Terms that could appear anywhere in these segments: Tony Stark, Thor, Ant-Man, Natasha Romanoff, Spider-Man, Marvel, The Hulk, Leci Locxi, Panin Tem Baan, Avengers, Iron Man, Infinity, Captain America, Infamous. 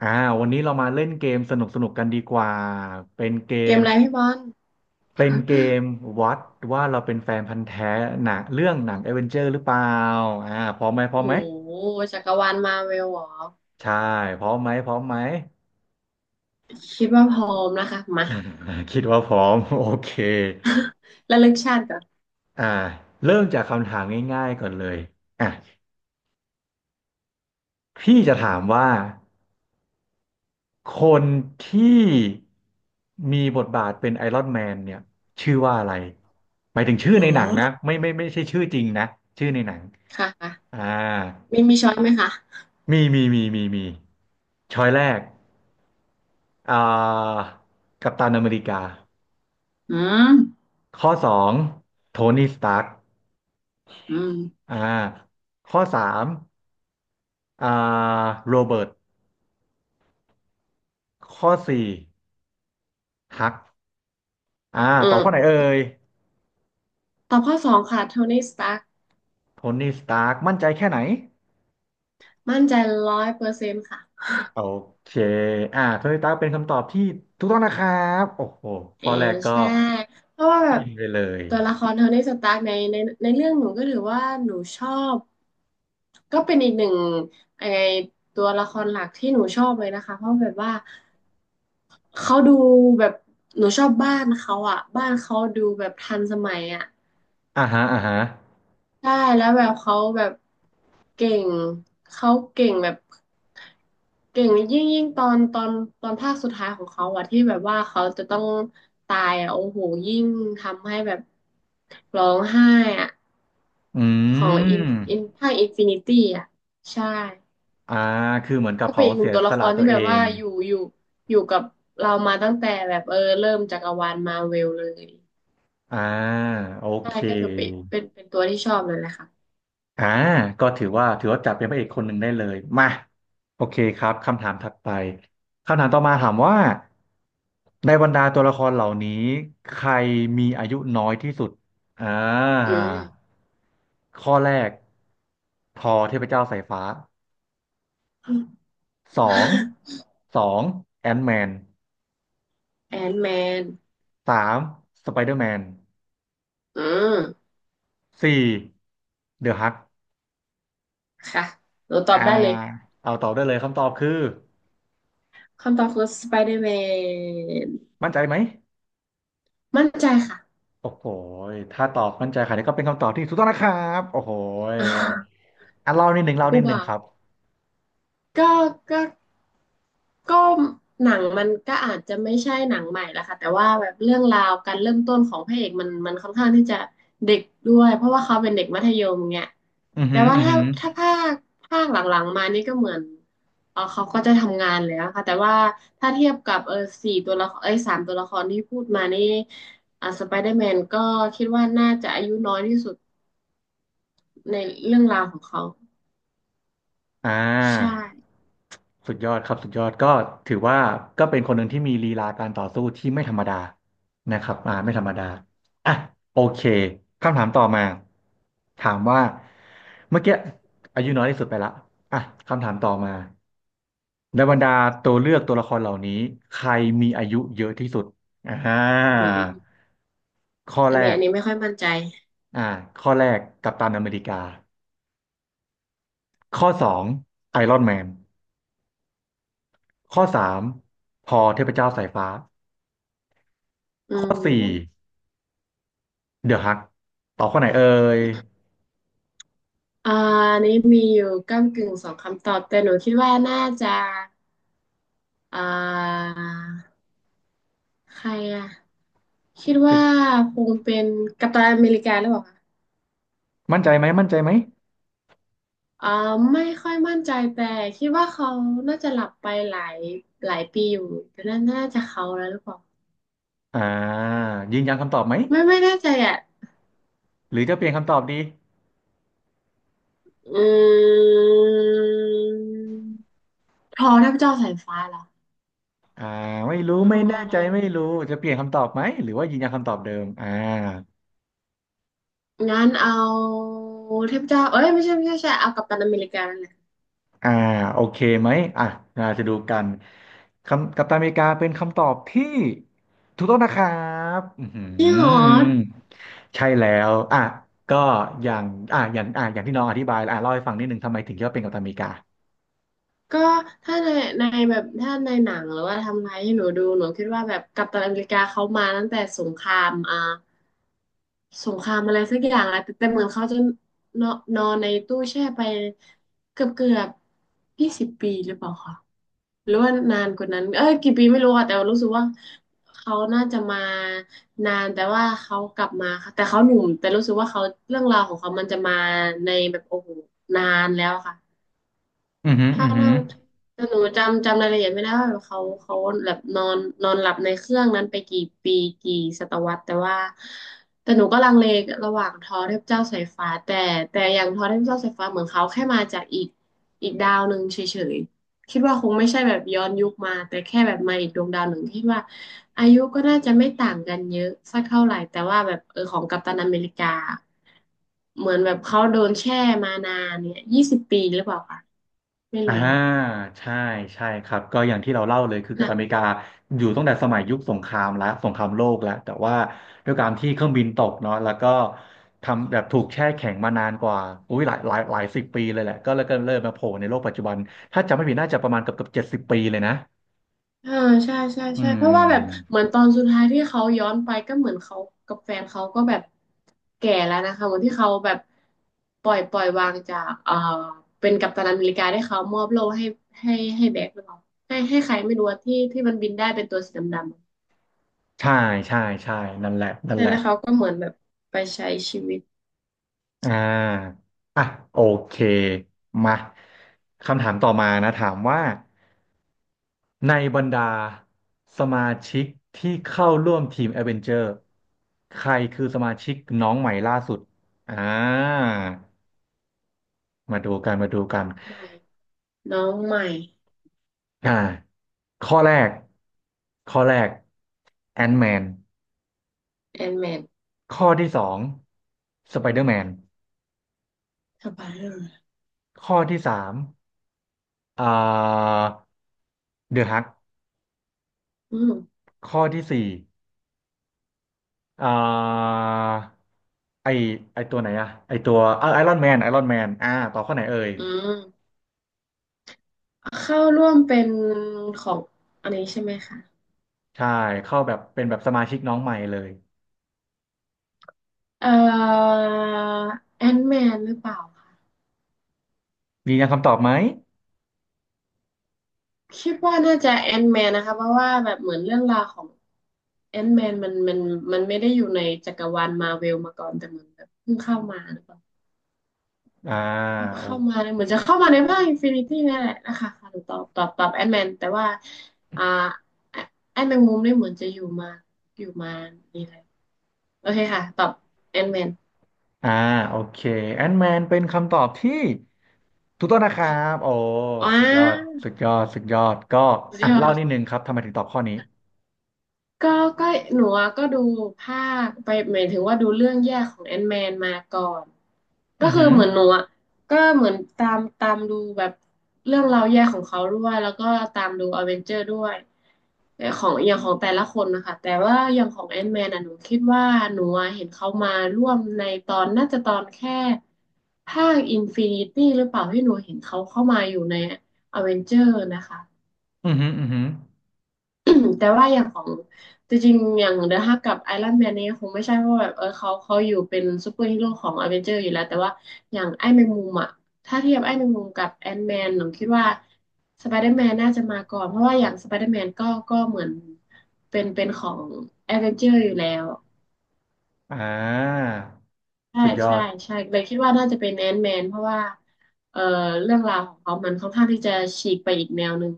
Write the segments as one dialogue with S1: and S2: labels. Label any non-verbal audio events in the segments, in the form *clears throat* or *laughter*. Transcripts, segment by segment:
S1: อ่าวันนี้เรามาเล่นเกมสนุกสนุกกันดีกว่า เป็นเก
S2: เก
S1: ม
S2: มอะไรพี่บอล
S1: เป็นเกมวัดว่าเราเป็นแฟนพันธุ์แท้หนังเรื่องหนัง a อเวนเจอร์หรือเปล่าพร้อมไหมพร้อ
S2: โอ้
S1: มไหม
S2: โหจักรวาลมาเวลหรอ
S1: ใช่พร้อมไหมพร้อมไหม
S2: คิดว่าพร้อมนะคะมา
S1: *laughs* คิดว่าพร้อม *laughs* โอเค
S2: *laughs* ระลึกชาติก่อน
S1: อ่าเริ่มจากคำถามง่ายๆก่อนเลยอ่ะพี่จะถามว่าคนที่มีบทบาทเป็นไอรอนแมนเนี่ยชื่อว่าอะไรหมายถึงชื่อ
S2: อื
S1: ในหนัง
S2: ม
S1: นะไม่ไม่ใช่ชื่อจริงนะชื่อในหนัง
S2: ค่ะ
S1: อ่า
S2: ค่ะมีช้อยไหมคะ
S1: มีช้อยแรกอ่ากัปตันอเมริกา
S2: อืม
S1: ข้อสองโทนี่สตาร์ก
S2: อืม
S1: อ่าข้อสามอ่าโรเบิร์ตข้อสี่ฮักอ่า
S2: อื
S1: ตอบข้อไหน
S2: ม
S1: เอ่ย
S2: ตอบข้อสองค่ะโทนี่สตาร์ค
S1: โทนี่สตาร์กมั่นใจแค่ไหน
S2: มั่นใจ100%ค่ะ
S1: โอเคโทนี่สตาร์กเป็นคำตอบที่ถูกต้องนะครับโอ้โห
S2: เอ
S1: ข้
S2: อ
S1: อแรกก็
S2: ใช่เพราะว่าแบ
S1: กิ
S2: บ
S1: นไปเลย
S2: ตัวละครโทนี่สตาร์คในเรื่องหนูก็ถือว่าหนูชอบก็เป็นอีกหนึ่งไอตัวละครหลักที่หนูชอบเลยนะคะเพราะแบบว่า เขาดูแบบหนูชอบบ้านเขาอ่ะบ้านเขาดูแบบทันสมัยอ่ะ
S1: อ่าฮะอ่าฮะ
S2: ใช่แล้วแบบเขาแบบเก่งเขาเก่งแบบเก่งยิ่งตอนภาคสุดท้ายของเขาอะที่แบบว่าเขาจะต้องตายอะโอ้โหยิ่งทำให้แบบร้องไห้อะ
S1: อื
S2: ของอิน
S1: ม
S2: อินภาคอินฟินิตี้อะใช่
S1: อ่า คือเหมือนกับ
S2: ก็เป็
S1: เขา
S2: นอีกหนึ่
S1: เสี
S2: ง
S1: ย
S2: ตัว
S1: ส
S2: ละค
S1: ละ
S2: ร
S1: ตั
S2: ที่
S1: วเอ
S2: แบบว่า
S1: ง
S2: อยู่กับเรามาตั้งแต่แบบเออเริ่มจักรวาลมาเวลเลย
S1: อ่า โอ
S2: ใช่
S1: เค
S2: ก็ถือเป็นตัวที่ชอบเลยแหละค่ะ
S1: อ่า ก็ถือว่า ถือว่าจับเป็นพระเอกคนหนึ่งได้เลย มา โอเคครับ คำถามถัดไป คำถามต่อมาถามว่า ในบรรดาตัวละครเหล่านี้ ใครมีอายุน้อยที่สุด อ่า
S2: อืม
S1: ข้อแรกทอเทพเจ้าสายฟ้าสอง
S2: *laughs*
S1: สองแอนท์แมน
S2: แอนแมน
S1: สามสไปเดอร์แมน
S2: อืม
S1: สี่เดอะฮัก
S2: ค่ะหนูตอ
S1: อ่า
S2: บได้เลย
S1: เอาตอบได้เลยคำตอบคือ
S2: คำตอบคือสไปเดอร์แมน
S1: มั่นใจไหม
S2: มั่นใจค่ะ
S1: โอ้โหยถ้าตอบมั่นใจค่ะนี่ก็เป็นคำตอบที่ถูกต้องนะครับโอ้โหยเล่านิดหนึ่ง
S2: *laughs*
S1: เล่านิ
S2: ผู้
S1: ดหนึ่ง
S2: บ่าว
S1: ครับ
S2: ก็ก็ ก็หนังมันก็อาจจะไม่ใช่หนังใหม่ละค่ะแต่ว่าแบบเรื่องราวการเริ่มต้นของพระเอกมันค่อนข้างที่จะเด็กด้วยเพราะว่าเขาเป็นเด็กมัธยมเงี้ย
S1: อือ
S2: แต่
S1: หือ
S2: ว่า
S1: อือ
S2: ถ้า
S1: หือ
S2: ถ้าภาคหลังๆมานี่ก็เหมือนเออเขาก็จะทำงานแล้วค่ะแต่ว่าถ้าเทียบกับเออสี่ตัวละครเอ้ยสามตัวละครที่พูดมานี่สไปเดอร์แมนก็คิดว่าน่าจะอายุน้อยที่สุดในเรื่องราวของเขา
S1: อ่
S2: ใช่
S1: าสุดยอดครับสุดยอดก็ถือว่าก็เป็นคนหนึ่งที่มีลีลาการต่อสู้ที่ไม่ธรรมดานะครับไม่ธรรมดาอ่ะโอเคคำถามต่อมาถามว่าเมื่อกี้อายุน้อยที่สุดไปละอ่ะคำถามต่อมาในบรรดาตัวเลือกตัวละครเหล่านี้ใครมีอายุเยอะที่สุดอ่า
S2: อืม
S1: ข้อแรก
S2: อันนี้ไม่ค่อยมั่นใจ
S1: อ่าข้อแรกกัปตันอเมริกาข้อสองไอรอนแมน ข้อสามพอเทพเจ้าสายฟ้า
S2: อื
S1: ข้อสี่
S2: ม
S1: เดอะฮักตอบข้อไหนเอ่ย
S2: อ่าอันนี้มีอยู่ก้ำกึ่งสองคำตอบแต่หนูคิดว่าน่าจะอ่าใครอ่ะคิดว่าคงเป็นกัปตันอเมริกาหรือเปล่าคะ
S1: มั่นใจไหมมั่นใจไหม
S2: อ่าไม่ค่อยมั่นใจแต่คิดว่าเขาน่าจะหลับไปหลายปีอยู่แต่น่าจะเขาแล้วหรือเปล่า
S1: อ่ายืนยันคำตอบไหม
S2: ไม่แน่ใจอ่ะ
S1: หรือจะเปลี่ยนคำตอบดี
S2: อืมทอเทพเจ้าสายฟ้าเหรอ
S1: อ่าไม่รู้
S2: ท
S1: ไม่
S2: อ
S1: แน่ใจไม่รู้จะเปลี่ยนคำตอบไหมหรือว่ายืนยันคำตอบเดิมอ่า
S2: งั้นเอาเทพเจ้าเอ้ยไม่ใช่ไม่ใช่ไม่ใช่เอากัปตันอเมริกานั่นแหละ
S1: อ่าโอเคไหมอ่ะเราจะดูกันคำกัปตันอเมริกาเป็นคำตอบที่ถูกต้องนะครับอือหือ
S2: จริงเหรอ
S1: ใช่แล้วก็อย่างอย่างอย่างที่น้องอธิบายเล่าให้ฟังนิดนึงทำไมถึงคิดว่าเป็นกัปตันอเมริกา
S2: ก็ถ้าในแบบถ้าในหนังหรือว่าทำอะไรที่หนูดูหนูคิดว่าแบบกัปตันอเมริกาเขามาตั้งแต่สงครามสงครามอะไรสักอย่างแล้วแต่เหมือนเขาจะนอนนอนในตู้แช่ไปเกือบยี่สิบปีหรือเปล่าคะหรือว่านานกว่านั้นเอ้ยกี่ปีไม่รู้อะแต่รู้สึกว่าเขาน่าจะมานานแต่ว่าเขากลับมาค่ะแต่เขาหนุ่มแต่รู้สึกว่าเขาเรื่องราวของเขามันจะมาในแบบโอ้โหนานแล้วค่ะ
S1: อือหืออื
S2: ถ้า
S1: อหื
S2: ต้อ
S1: อ
S2: งแต่หนูจำรายละเอียดไม่ได้ว่าเขาแบบนอนนอนหลับในเครื่องนั้นไปกี่ปีกี่ศตวรรษแต่ว่าแต่หนูก็ลังเลระหว่างทอเทพเจ้าสายฟ้าแต่อย่างทอเทพเจ้าสายฟ้าเหมือนเขาแค่มาจากอีกดาวหนึ่งเฉยๆคิดว่าคงไม่ใช่แบบย้อนยุคมาแต่แค่แบบมาอีกดวงดาวหนึ่งที่ว่าอายุก็น่าจะไม่ต่างกันเยอะสักเท่าไหร่แต่ว่าแบบเออของกัปตันอเมริกาเหมือนแบบเขาโดนแช่มานานเนี่ยยี่สิบปีหรือเปล่าคะไม่
S1: อ่า
S2: รู้อะ
S1: ใช่ใช่ครับก็อย่างที่เราเล่าเลยคือกัป
S2: นะ
S1: ตันอเมริกาอยู่ตั้งแต่สมัยยุคสงครามแล้วสงครามโลกแล้วแต่ว่าด้วยการที่เครื่องบินตกเนาะแล้วก็ทำแบบถูกแช่แข็งมานานกว่าอุ้ยหลายหลายหลายสิบปีเลยแหละก็เลยมาโผล่ในโลกปัจจุบันถ้าจำไม่ผิดน่าจะประมาณเกือบเกือบ70 ปีเลยนะ
S2: เออใช่ใช่
S1: อื
S2: ใช่เพราะว่าแบบ
S1: ม
S2: เหมือนตอนสุดท้ายที่เขาย้อนไปก็เหมือนเขากับแฟนเขาก็แบบแก่แล้วนะคะเหมือนที่เขาแบบปล่อยวางจากเป็นกัปตันอเมริกาได้เขามอบโล่ให้ให้แบ็คหรือเปล่าให้ใครไม่รู้อะที่มันบินได้เป็นตัวสีดำๆอะ
S1: ใช่ใช่นั่นแหละนั่น
S2: ใช่
S1: แหละ
S2: แล้วเขาก็เหมือนแบบไปใช้ชีวิต
S1: อ่าอ่ะโอเคมาคำถามต่อมานะถามว่า ในบรรดาสมาชิกที่เข้าร่วมทีม a อเวนเจอร์ใครคือสมาชิกน้องใหม่ล่าสุดอ่ามาดูกันมาดูกัน
S2: ใหม่น้องใหม่
S1: อ่าข้อแรกข้อแรกแอนแมน
S2: แอนแมน
S1: ข้อที่สองสไปเดอร์แมน
S2: สไปเดอร์
S1: ข้อที่สามอ่าเดอะฮัก
S2: อืม
S1: ข้อที่สี่อ่าไอไอตัวไอรอนแมนต่อข้อไหนเอ่ย
S2: อืมเข้าร่วมเป็นของอันนี้ใช่ไหมคะ
S1: ใช่เข้าแบบเป็นแบบสมาชิกน้องใหม่เลย
S2: เอ่อแอนแมนหรือเปล่าคะ
S1: ยืนยันคำตอบไหม
S2: คิดว่าน่าจะแอนแมนนะคะเพราะว่าแบบเหมือนเรื่องราวของแอนแมนมันไม่ได้อยู่ในจักรวาลมาเวลมาก่อนแต่เหมือนแบบเพิ่งเข้ามาหรือเปล่า
S1: อ่าโอ
S2: เข้ามาเนี่ยเหมือนจะเข้ามาในภาคอินฟินิตี้นี่แหละนะคะค่ะหนูตอบแอนแมนแต่ว่าอ่าแอนแมงมุมนี่เหมือนจะอยู่มานี่แหละโอเคค่ะตอบแอนแมน
S1: อ่าโอเคแอนแมนเป็นคำตอบที่ถูกต้องนะครับโอ้
S2: ว้า
S1: สุดยอดสุดยอดสุดยอดก็
S2: สุดยอ
S1: เล่านิด
S2: ด
S1: นึงครับทำไมถึงตอบข้อนี้
S2: ก็ก็หนูอะก็ดูภาคไปหมายถึงว่าดูเรื่องแยกของแอนแมนมาก่อนก็
S1: อือ
S2: คือ
S1: หือ
S2: เหมือนหนูอะก็เหมือนตามดูแบบเรื่องราวแยกของเขาด้วยแล้วก็ตามดูอเวนเจอร์ด้วยแต่ของอย่างของแต่ละคนนะคะแต่ว่าอย่างของแอนแมนอะหนูคิดว่าหนูอะเห็นเขามาร่วมในตอนน่าจะตอนแค่ภาคอินฟินิตี้หรือเปล่าที่หนูเห็นเขาเข้ามาอยู่ในอเวนเจอร์นะคะ
S1: อือหืออือหือ
S2: *coughs* *clears throat* แต่ว่าอย่างของจริงๆอย่างเดอะฮักกับไอรอนแมนเนี่ยคงไม่ใช่เพราะแบบเออเขาอยู่เป็นซูเปอร์ฮีโร่ของอเวนเจอร์อยู่แล้วแต่ว่าอย่างไอ้แมงมุมอ่ะถ้าเทียบไอ้แมงมุมกับแอนแมนหนูคิดว่าสไปเดอร์แมนน่าจะมาก่อนเพราะว่าอย่างสไปเดอร์แมนก็เหมือนเป็นของอเวนเจอร์อยู่แล้ว
S1: อ่า
S2: ใช่
S1: สุดยอ
S2: ใช่
S1: ด
S2: ใช่เลยคิดว่าน่าจะเป็นแอนแมนเพราะว่าเออเรื่องราวของเขามันค่อนข้างที่จะฉีกไปอีกแนวหนึ่ง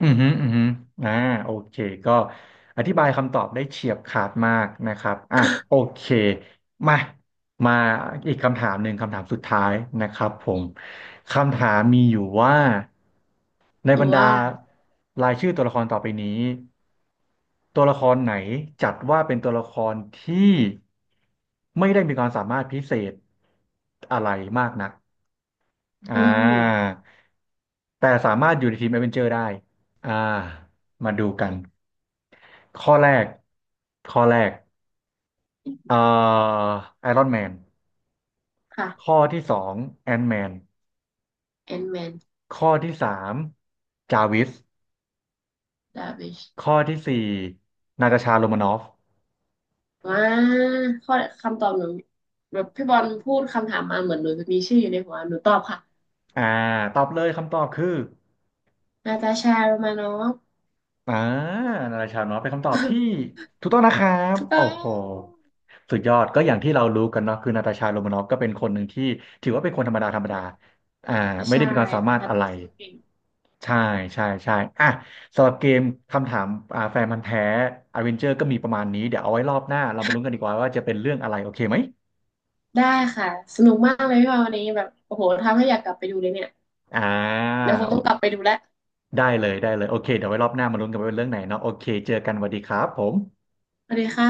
S1: อือฮึอือฮึอ่าโอเคก็อธิบายคำตอบได้เฉียบขาดมากนะครับโอเคมามาอีกคำถามหนึ่งคำถามสุดท้ายนะครับผมคำถามมีอยู่ว่าใน
S2: ห
S1: บ
S2: นู
S1: รรดา
S2: ว่า
S1: รายชื่อตัวละครต่อไปนี้ตัวละครไหนจัดว่าเป็นตัวละครที่ไม่ได้มีความสามารถพิเศษอะไรมากนัก อ่
S2: อื
S1: า
S2: ม
S1: แต่สามารถอยู่ในทีม a อเวนเจอร์ได้อ่ามาดูกันข้อแรกข้อแรกเอ่อไอรอนแมนข้อ
S2: ค่ะ
S1: ที่สองแอนแมน
S2: แอนแมน
S1: ข้อที่สามจาวิส
S2: ดาวิช
S1: ข้อที่สี่นาตาชาโรมานอฟ
S2: ว้าข้อคำตอบหนูแบบพี่บอลพูดคำถามมาเหมือนหนูจะมีชื่ออยู่ในหัวหนูตอบค่ะ
S1: อ่าตอบเลยคำตอบคือ
S2: นาตาชาโรมานอฟ
S1: อ่านาราชาวน้อยเป็นคำตอบที่
S2: *laughs*
S1: ถูกต้องนะครับ
S2: ถูกต้
S1: โอ้
S2: อง
S1: โหสุดยอดก็อย่างที่เรารู้กันเนาะคือนาตาชาโรมานอฟก็เป็นคนหนึ่งที่ถือว่าเป็นคนธรรมดาธรรมดา
S2: ไ
S1: อ่า
S2: ม่
S1: ไม่ได้
S2: ใช่
S1: มีความสามา
S2: นะ
S1: รถ
S2: คะ
S1: อะ
S2: ต่
S1: ไร
S2: อสู้เก่ง
S1: ใช่ใช่อ่ะสำหรับเกมคำถามแฟนพันธุ์แท้อเวนเจอร์ก็มีประมาณนี้เดี๋ยวเอาไว้รอบหน้าเรามาลุ้นกันดีกว่าว่าจะเป็นเรื่องอะไรโอเคไหม
S2: ได้ค่ะ สนุกมากเลยพี่บอลวันนี้แบบโอ้โหทำให้อยากกลับไปดูเลยเนี่ย
S1: อ่า
S2: เดี๋ยวคง
S1: โอ
S2: ต้องกลับไปดูแล้ว
S1: ได้เลยได้เลยโอเคเดี๋ยวไว้รอบหน้ามาลุ้นกันว่าเป็นเรื่องไหนเนาะโอเคเจอกันสวัสดีครับผม
S2: สวัสดีค่ะ